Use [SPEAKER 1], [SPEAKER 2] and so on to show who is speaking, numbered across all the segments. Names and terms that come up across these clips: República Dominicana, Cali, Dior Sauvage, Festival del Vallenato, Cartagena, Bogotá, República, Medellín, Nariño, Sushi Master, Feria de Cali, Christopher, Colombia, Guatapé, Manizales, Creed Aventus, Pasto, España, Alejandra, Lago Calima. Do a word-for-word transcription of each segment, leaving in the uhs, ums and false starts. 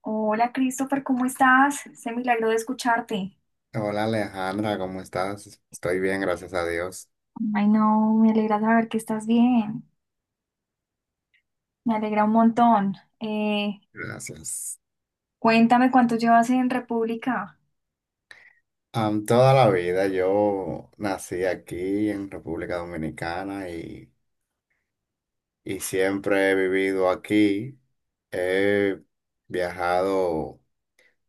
[SPEAKER 1] Hola Christopher, ¿cómo estás? Se milagro de escucharte.
[SPEAKER 2] Hola Alejandra, ¿cómo estás? Estoy bien, gracias a Dios.
[SPEAKER 1] Ay, no, me alegra saber que estás bien. Me alegra un montón. Eh,
[SPEAKER 2] Gracias.
[SPEAKER 1] Cuéntame cuánto llevas en República.
[SPEAKER 2] Am, toda la vida yo nací aquí en República Dominicana y, y siempre he vivido aquí. He viajado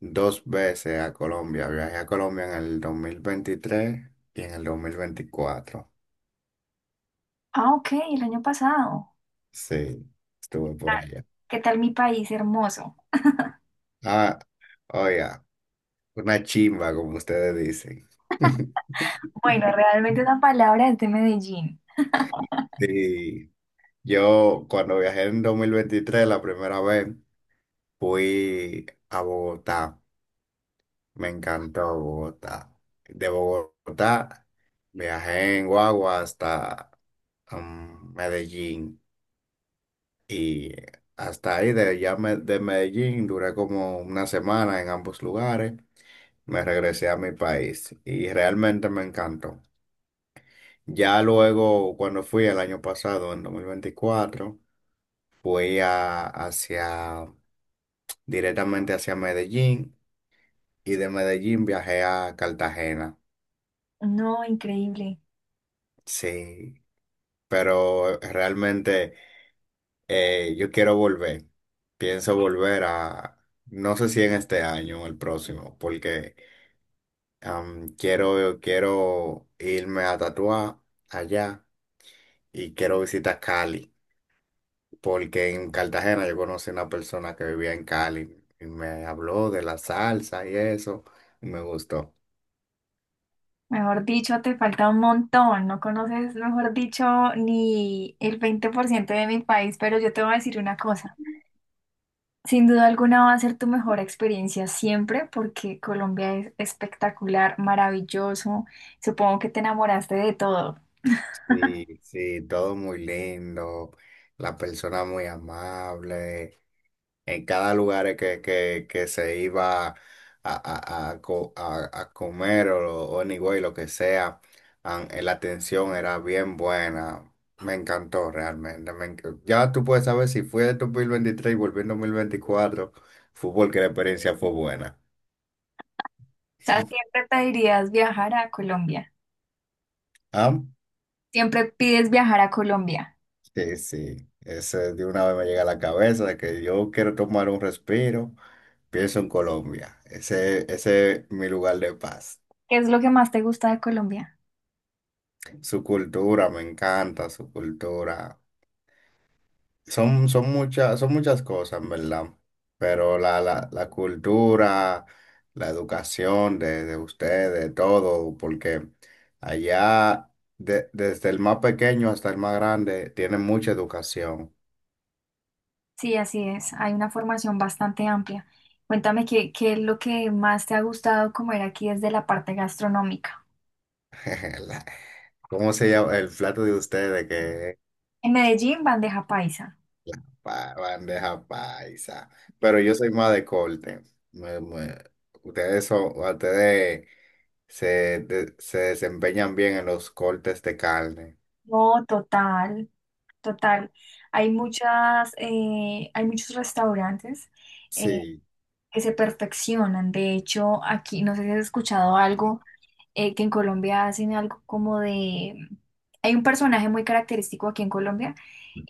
[SPEAKER 2] dos veces a Colombia. Viajé a Colombia en el dos mil veintitrés y en el dos mil veinticuatro.
[SPEAKER 1] Ah, ok, el año pasado.
[SPEAKER 2] Sí,
[SPEAKER 1] ¿Qué
[SPEAKER 2] estuve por
[SPEAKER 1] tal
[SPEAKER 2] allá.
[SPEAKER 1] ¿Qué tal mi país hermoso?
[SPEAKER 2] Ah, oiga, una chimba, como ustedes dicen.
[SPEAKER 1] Bueno, realmente la palabra es de Medellín.
[SPEAKER 2] Sí, yo cuando viajé en dos mil veintitrés la primera vez fui a Bogotá. Me encantó Bogotá. De Bogotá viajé en guagua hasta um, Medellín y hasta ahí de, ya me- de Medellín duré como una semana en ambos lugares. Me regresé a mi país y realmente me encantó. Ya luego cuando fui el año pasado, en dos mil veinticuatro fui a, hacia... directamente hacia Medellín, y de Medellín viajé a Cartagena.
[SPEAKER 1] No, increíble.
[SPEAKER 2] Sí, pero realmente eh, yo quiero volver. Pienso volver a, no sé si en este año o el próximo, porque am, quiero, quiero irme a tatuar allá y quiero visitar Cali, porque en Cartagena yo conocí una persona que vivía en Cali y me habló de la salsa y eso, y me gustó.
[SPEAKER 1] Mejor dicho, te falta un montón. No conoces, mejor dicho, ni el veinte por ciento de mi país, pero yo te voy a decir una cosa. Sin duda alguna va a ser tu mejor experiencia siempre porque Colombia es espectacular, maravilloso. Supongo que te enamoraste de todo. O
[SPEAKER 2] Sí, sí, todo muy lindo, la persona muy amable, en cada lugar que, que, que se iba a, a, a, co- a- a comer o, o anyway, lo que sea, an- eh, la atención era bien buena, me encantó realmente, me enc- ya tú puedes saber si fui en dos mil veintitrés y volví en dos mil veinticuatro, fútbol que la experiencia fue buena.
[SPEAKER 1] sea, siempre pedirías viajar a Colombia.
[SPEAKER 2] ¿Ah?
[SPEAKER 1] Siempre pides viajar a Colombia.
[SPEAKER 2] Sí, sí, ese de una vez me llega a la cabeza de que yo quiero tomar un respiro. Pienso en Colombia, ese, ese es mi lugar de paz.
[SPEAKER 1] ¿Qué es lo que más te gusta de Colombia?
[SPEAKER 2] Su cultura, me encanta su cultura. Son, son muchas, son muchas cosas, en verdad. Pero la, la, la cultura, la educación de, de ustedes, todo, porque allá, de- desde el más pequeño hasta el más grande, tienen mucha educación.
[SPEAKER 1] Sí, así es. Hay una formación bastante amplia. Cuéntame qué, qué es lo que más te ha gustado comer aquí desde la parte gastronómica.
[SPEAKER 2] La- ¿Cómo se llama el plato de ustedes?
[SPEAKER 1] En Medellín, bandeja paisa.
[SPEAKER 2] Pa- bandeja paisa. Pero yo soy más de corte. Me- me- Ustedes son, ustedes se, de- se desempeñan bien en los cortes de carne.
[SPEAKER 1] No, total, total. Hay muchas, eh, hay muchos restaurantes eh,
[SPEAKER 2] Sí,
[SPEAKER 1] que se perfeccionan. De hecho, aquí, no sé si has escuchado algo, eh, que en Colombia hacen algo como de. Hay un personaje muy característico aquí en Colombia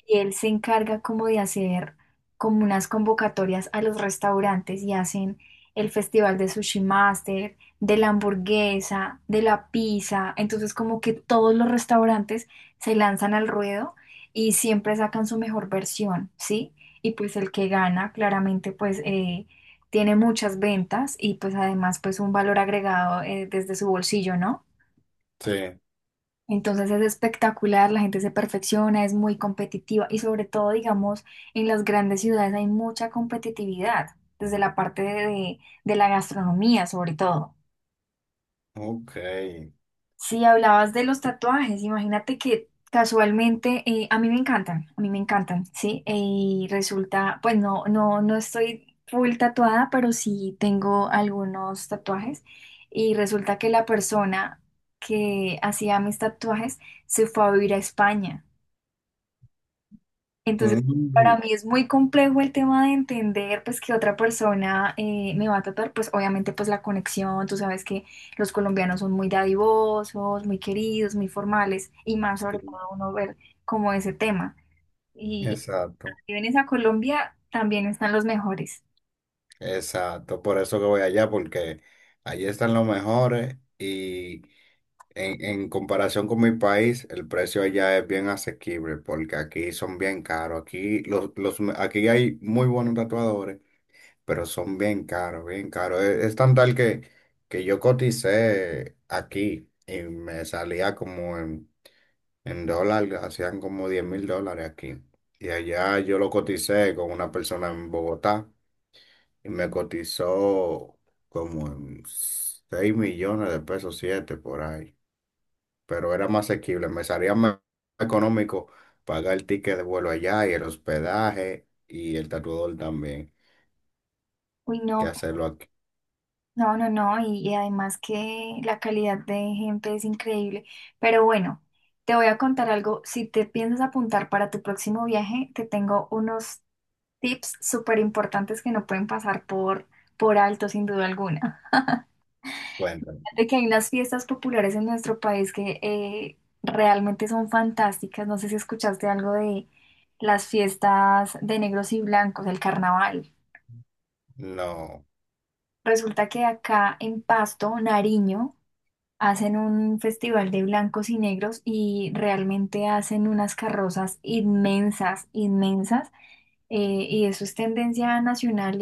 [SPEAKER 1] y él se encarga como de hacer como unas convocatorias a los restaurantes y hacen el festival de Sushi Master, de la hamburguesa, de la pizza, entonces como que todos los restaurantes se lanzan al ruedo y siempre sacan su mejor versión, ¿sí? Y pues el que gana claramente pues eh, tiene muchas ventas y pues además pues un valor agregado eh, desde su bolsillo, ¿no?
[SPEAKER 2] sí.
[SPEAKER 1] Entonces es espectacular, la gente se perfecciona, es muy competitiva y sobre todo, digamos, en las grandes ciudades hay mucha competitividad, desde la parte de, de la gastronomía sobre todo.
[SPEAKER 2] Ok.
[SPEAKER 1] Si hablabas de los tatuajes, imagínate que casualmente, eh, a mí me encantan, a mí me encantan, ¿sí? Eh, Y resulta, pues no, no, no estoy full tatuada, pero sí tengo algunos tatuajes y resulta que la persona que hacía mis tatuajes se fue a vivir a España. Entonces,
[SPEAKER 2] Mm,
[SPEAKER 1] para mí es muy complejo el tema de entender, pues, que otra persona eh, me va a tratar, pues, obviamente, pues, la conexión, tú sabes que los colombianos son muy dadivosos, muy queridos, muy formales, y más sobre
[SPEAKER 2] sí,
[SPEAKER 1] todo uno ver como ese tema. Y, y
[SPEAKER 2] exacto.
[SPEAKER 1] si vienes a Colombia, también están los mejores.
[SPEAKER 2] Exacto, por eso que voy allá, porque allí están los mejores y en, en comparación con mi país, el precio allá es bien asequible, porque aquí son bien caros. Aquí, los, los, aquí hay muy buenos tatuadores, pero son bien caros, bien caros. Es, es tan tal que, que yo coticé aquí y me salía como en, en dólar, hacían como diez mil dólares aquí. Y allá yo lo coticé con una persona en Bogotá y me cotizó como en seis millones de pesos, siete por ahí. Pero era más asequible, me salía más económico pagar el ticket de vuelo allá y el hospedaje y el tatuador también
[SPEAKER 1] Uy,
[SPEAKER 2] que
[SPEAKER 1] no,
[SPEAKER 2] hacerlo aquí.
[SPEAKER 1] no, no, no, y, y además que la calidad de gente es increíble. Pero bueno, te voy a contar algo. Si te piensas apuntar para tu próximo viaje, te tengo unos tips súper importantes que no pueden pasar por, por alto, sin duda alguna.
[SPEAKER 2] Bueno,
[SPEAKER 1] De que hay unas fiestas populares en nuestro país que eh, realmente son fantásticas. No sé si escuchaste algo de las fiestas de negros y blancos, el carnaval.
[SPEAKER 2] no,
[SPEAKER 1] Resulta que acá en Pasto, Nariño, hacen un festival de blancos y negros y realmente hacen unas carrozas inmensas, inmensas. Eh, y eso es tendencia nacional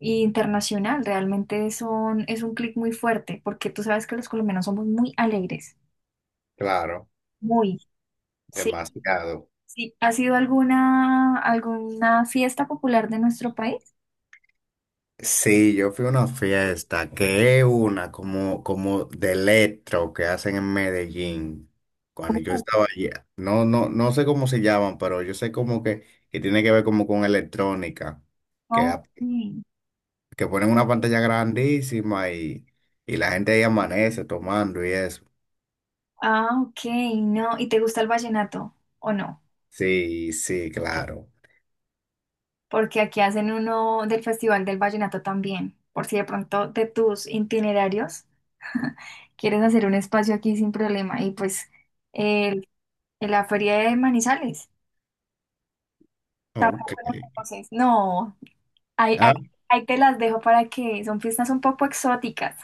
[SPEAKER 1] internacional. Realmente son, es un clic muy fuerte, porque tú sabes que los colombianos somos muy alegres,
[SPEAKER 2] claro,
[SPEAKER 1] muy. Sí,
[SPEAKER 2] demasiado.
[SPEAKER 1] sí. ¿Ha sido alguna, alguna fiesta popular de nuestro país?
[SPEAKER 2] Sí, yo fui a una fiesta que es una como, como de electro que hacen en Medellín. Cuando yo
[SPEAKER 1] Oh,
[SPEAKER 2] estaba allá, no, no, no sé cómo se llaman, pero yo sé como que, que tiene que ver como con electrónica, que, a-
[SPEAKER 1] ok.
[SPEAKER 2] que ponen una pantalla grandísima y, y la gente ahí amanece tomando y eso.
[SPEAKER 1] Ah, ok, no. ¿Y te gusta el vallenato o no?
[SPEAKER 2] Sí, sí, claro.
[SPEAKER 1] Porque aquí hacen uno del Festival del Vallenato también, por si de pronto de tus itinerarios quieres hacer un espacio aquí sin problema. Y pues el- en la feria de Manizales.
[SPEAKER 2] Ok.
[SPEAKER 1] Bueno, entonces, no. Ahí, ahí-
[SPEAKER 2] Ah,
[SPEAKER 1] Ahí te las dejo para que son fiestas un poco exóticas,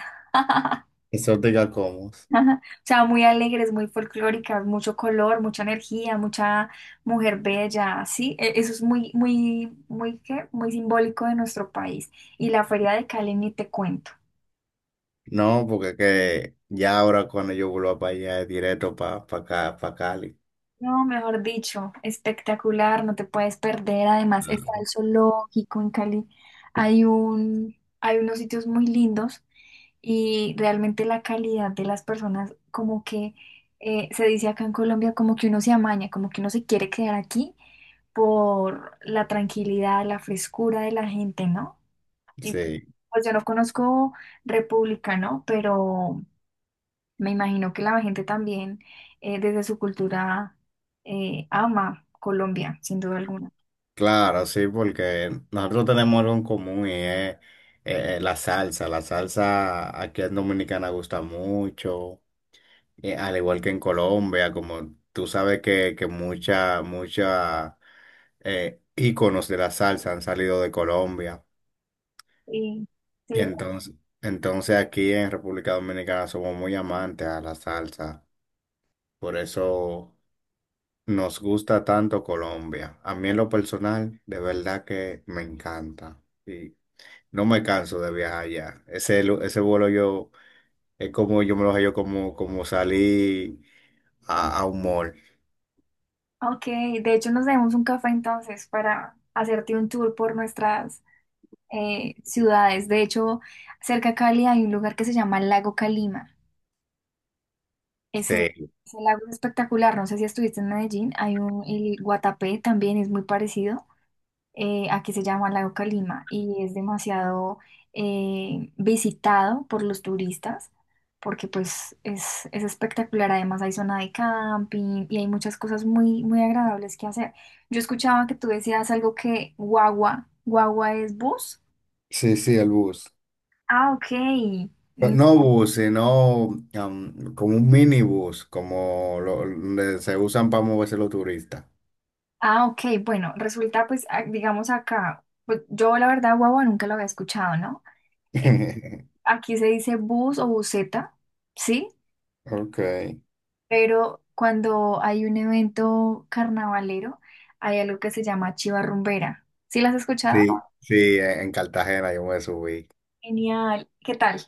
[SPEAKER 2] exótica como.
[SPEAKER 1] o sea, muy alegres, muy folclóricas, mucho color, mucha energía, mucha mujer bella, sí. E- eso es muy, muy, muy, ¿qué? Muy simbólico de nuestro país. Y la Feria de Cali ni te cuento.
[SPEAKER 2] No, porque que ya ahora cuando yo vuelva para allá es directo para acá, para Cali.
[SPEAKER 1] No, mejor dicho, espectacular, no te puedes perder. Además, está el zoológico en Cali. Hay un, hay unos sitios muy lindos y realmente la calidad de las personas, como que eh, se dice acá en Colombia, como que uno se amaña, como que uno se quiere quedar aquí por la tranquilidad, la frescura de la gente, ¿no? Y
[SPEAKER 2] Sí,
[SPEAKER 1] pues yo no conozco República, ¿no? Pero me imagino que la gente también, eh, desde su cultura, eh, ama Colombia, sin duda alguna.
[SPEAKER 2] claro, sí, porque nosotros tenemos algo en común y es eh, la salsa. La salsa aquí en Dominicana gusta mucho, eh, al igual que en Colombia, como tú sabes que, que mucha, mucha eh, íconos de la salsa han salido de Colombia.
[SPEAKER 1] Sí,
[SPEAKER 2] Y
[SPEAKER 1] sí.
[SPEAKER 2] entonces, entonces aquí en República Dominicana somos muy amantes a la salsa. Por eso. Nos gusta tanto Colombia. A mí en lo personal, de verdad que me encanta. Y no me canso de viajar allá. Ese, lu- ese vuelo yo, es como yo me lo hallo como, como salí a, a un mall.
[SPEAKER 1] Ok, de hecho nos debemos un café entonces para hacerte un tour por nuestras eh, ciudades. De hecho, cerca a Cali hay un lugar que se llama Lago Calima. Ese,
[SPEAKER 2] Sí,
[SPEAKER 1] ese lago es espectacular, no sé si estuviste en Medellín, hay un, el Guatapé también es muy parecido. Eh, aquí se llama Lago Calima y es demasiado eh, visitado por los turistas porque pues es, es espectacular, además hay zona de camping y hay muchas cosas muy, muy agradables que hacer. Yo escuchaba que tú decías algo que guagua, guagua es bus.
[SPEAKER 2] sí, sí, el bus.
[SPEAKER 1] Ah, ok.
[SPEAKER 2] Pero
[SPEAKER 1] Mm,
[SPEAKER 2] no bus, sino am, como un minibús, como lo, donde se usan para moverse los turistas.
[SPEAKER 1] Ah, ok, bueno, resulta pues, ah, digamos acá, pues yo la verdad guagua nunca lo había escuchado, ¿no? Eh, Aquí se dice bus o buseta, ¿sí?
[SPEAKER 2] Ok.
[SPEAKER 1] Pero cuando hay un evento carnavalero, hay algo que se llama chiva rumbera. ¿Sí las has escuchado?
[SPEAKER 2] Sí, sí, en en Cartagena yo me subí.
[SPEAKER 1] Genial. ¿Qué tal?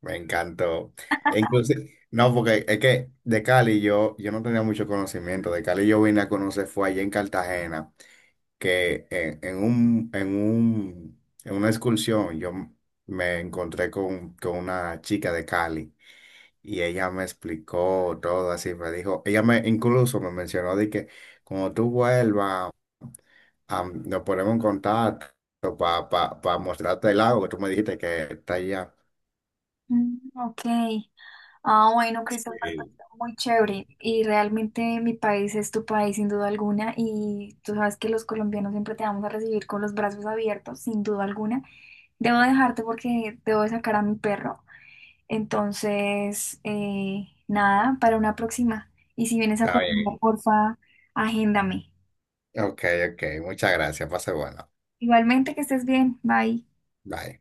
[SPEAKER 2] Me encantó. E inclusive, no, porque es que de Cali yo, yo no tenía mucho conocimiento. De Cali yo vine a conocer, fue allá en Cartagena, que en, en un, en un, en una excursión yo m- me encontré con, con una chica de Cali y ella me explicó todo así. Me dijo, ella me incluso me mencionó de que cuando tú vuelvas, am, nos ponemos en contacto para mostrarte el lago que tú me dijiste que está allá.
[SPEAKER 1] Mm, ok. Ah, bueno, Christopher, pues,
[SPEAKER 2] Sí,
[SPEAKER 1] muy chévere. Y realmente mi país es tu país, sin duda alguna. Y tú sabes que los colombianos siempre te vamos a recibir con los brazos abiertos, sin duda alguna. Debo dejarte porque debo de sacar a mi perro. Entonces, eh, nada, para una próxima. Y si vienes a
[SPEAKER 2] está bien.
[SPEAKER 1] Colombia, porfa, agéndame.
[SPEAKER 2] Ok, ok. Muchas gracias. Pase bueno.
[SPEAKER 1] Igualmente, que estés bien. Bye.
[SPEAKER 2] Bye.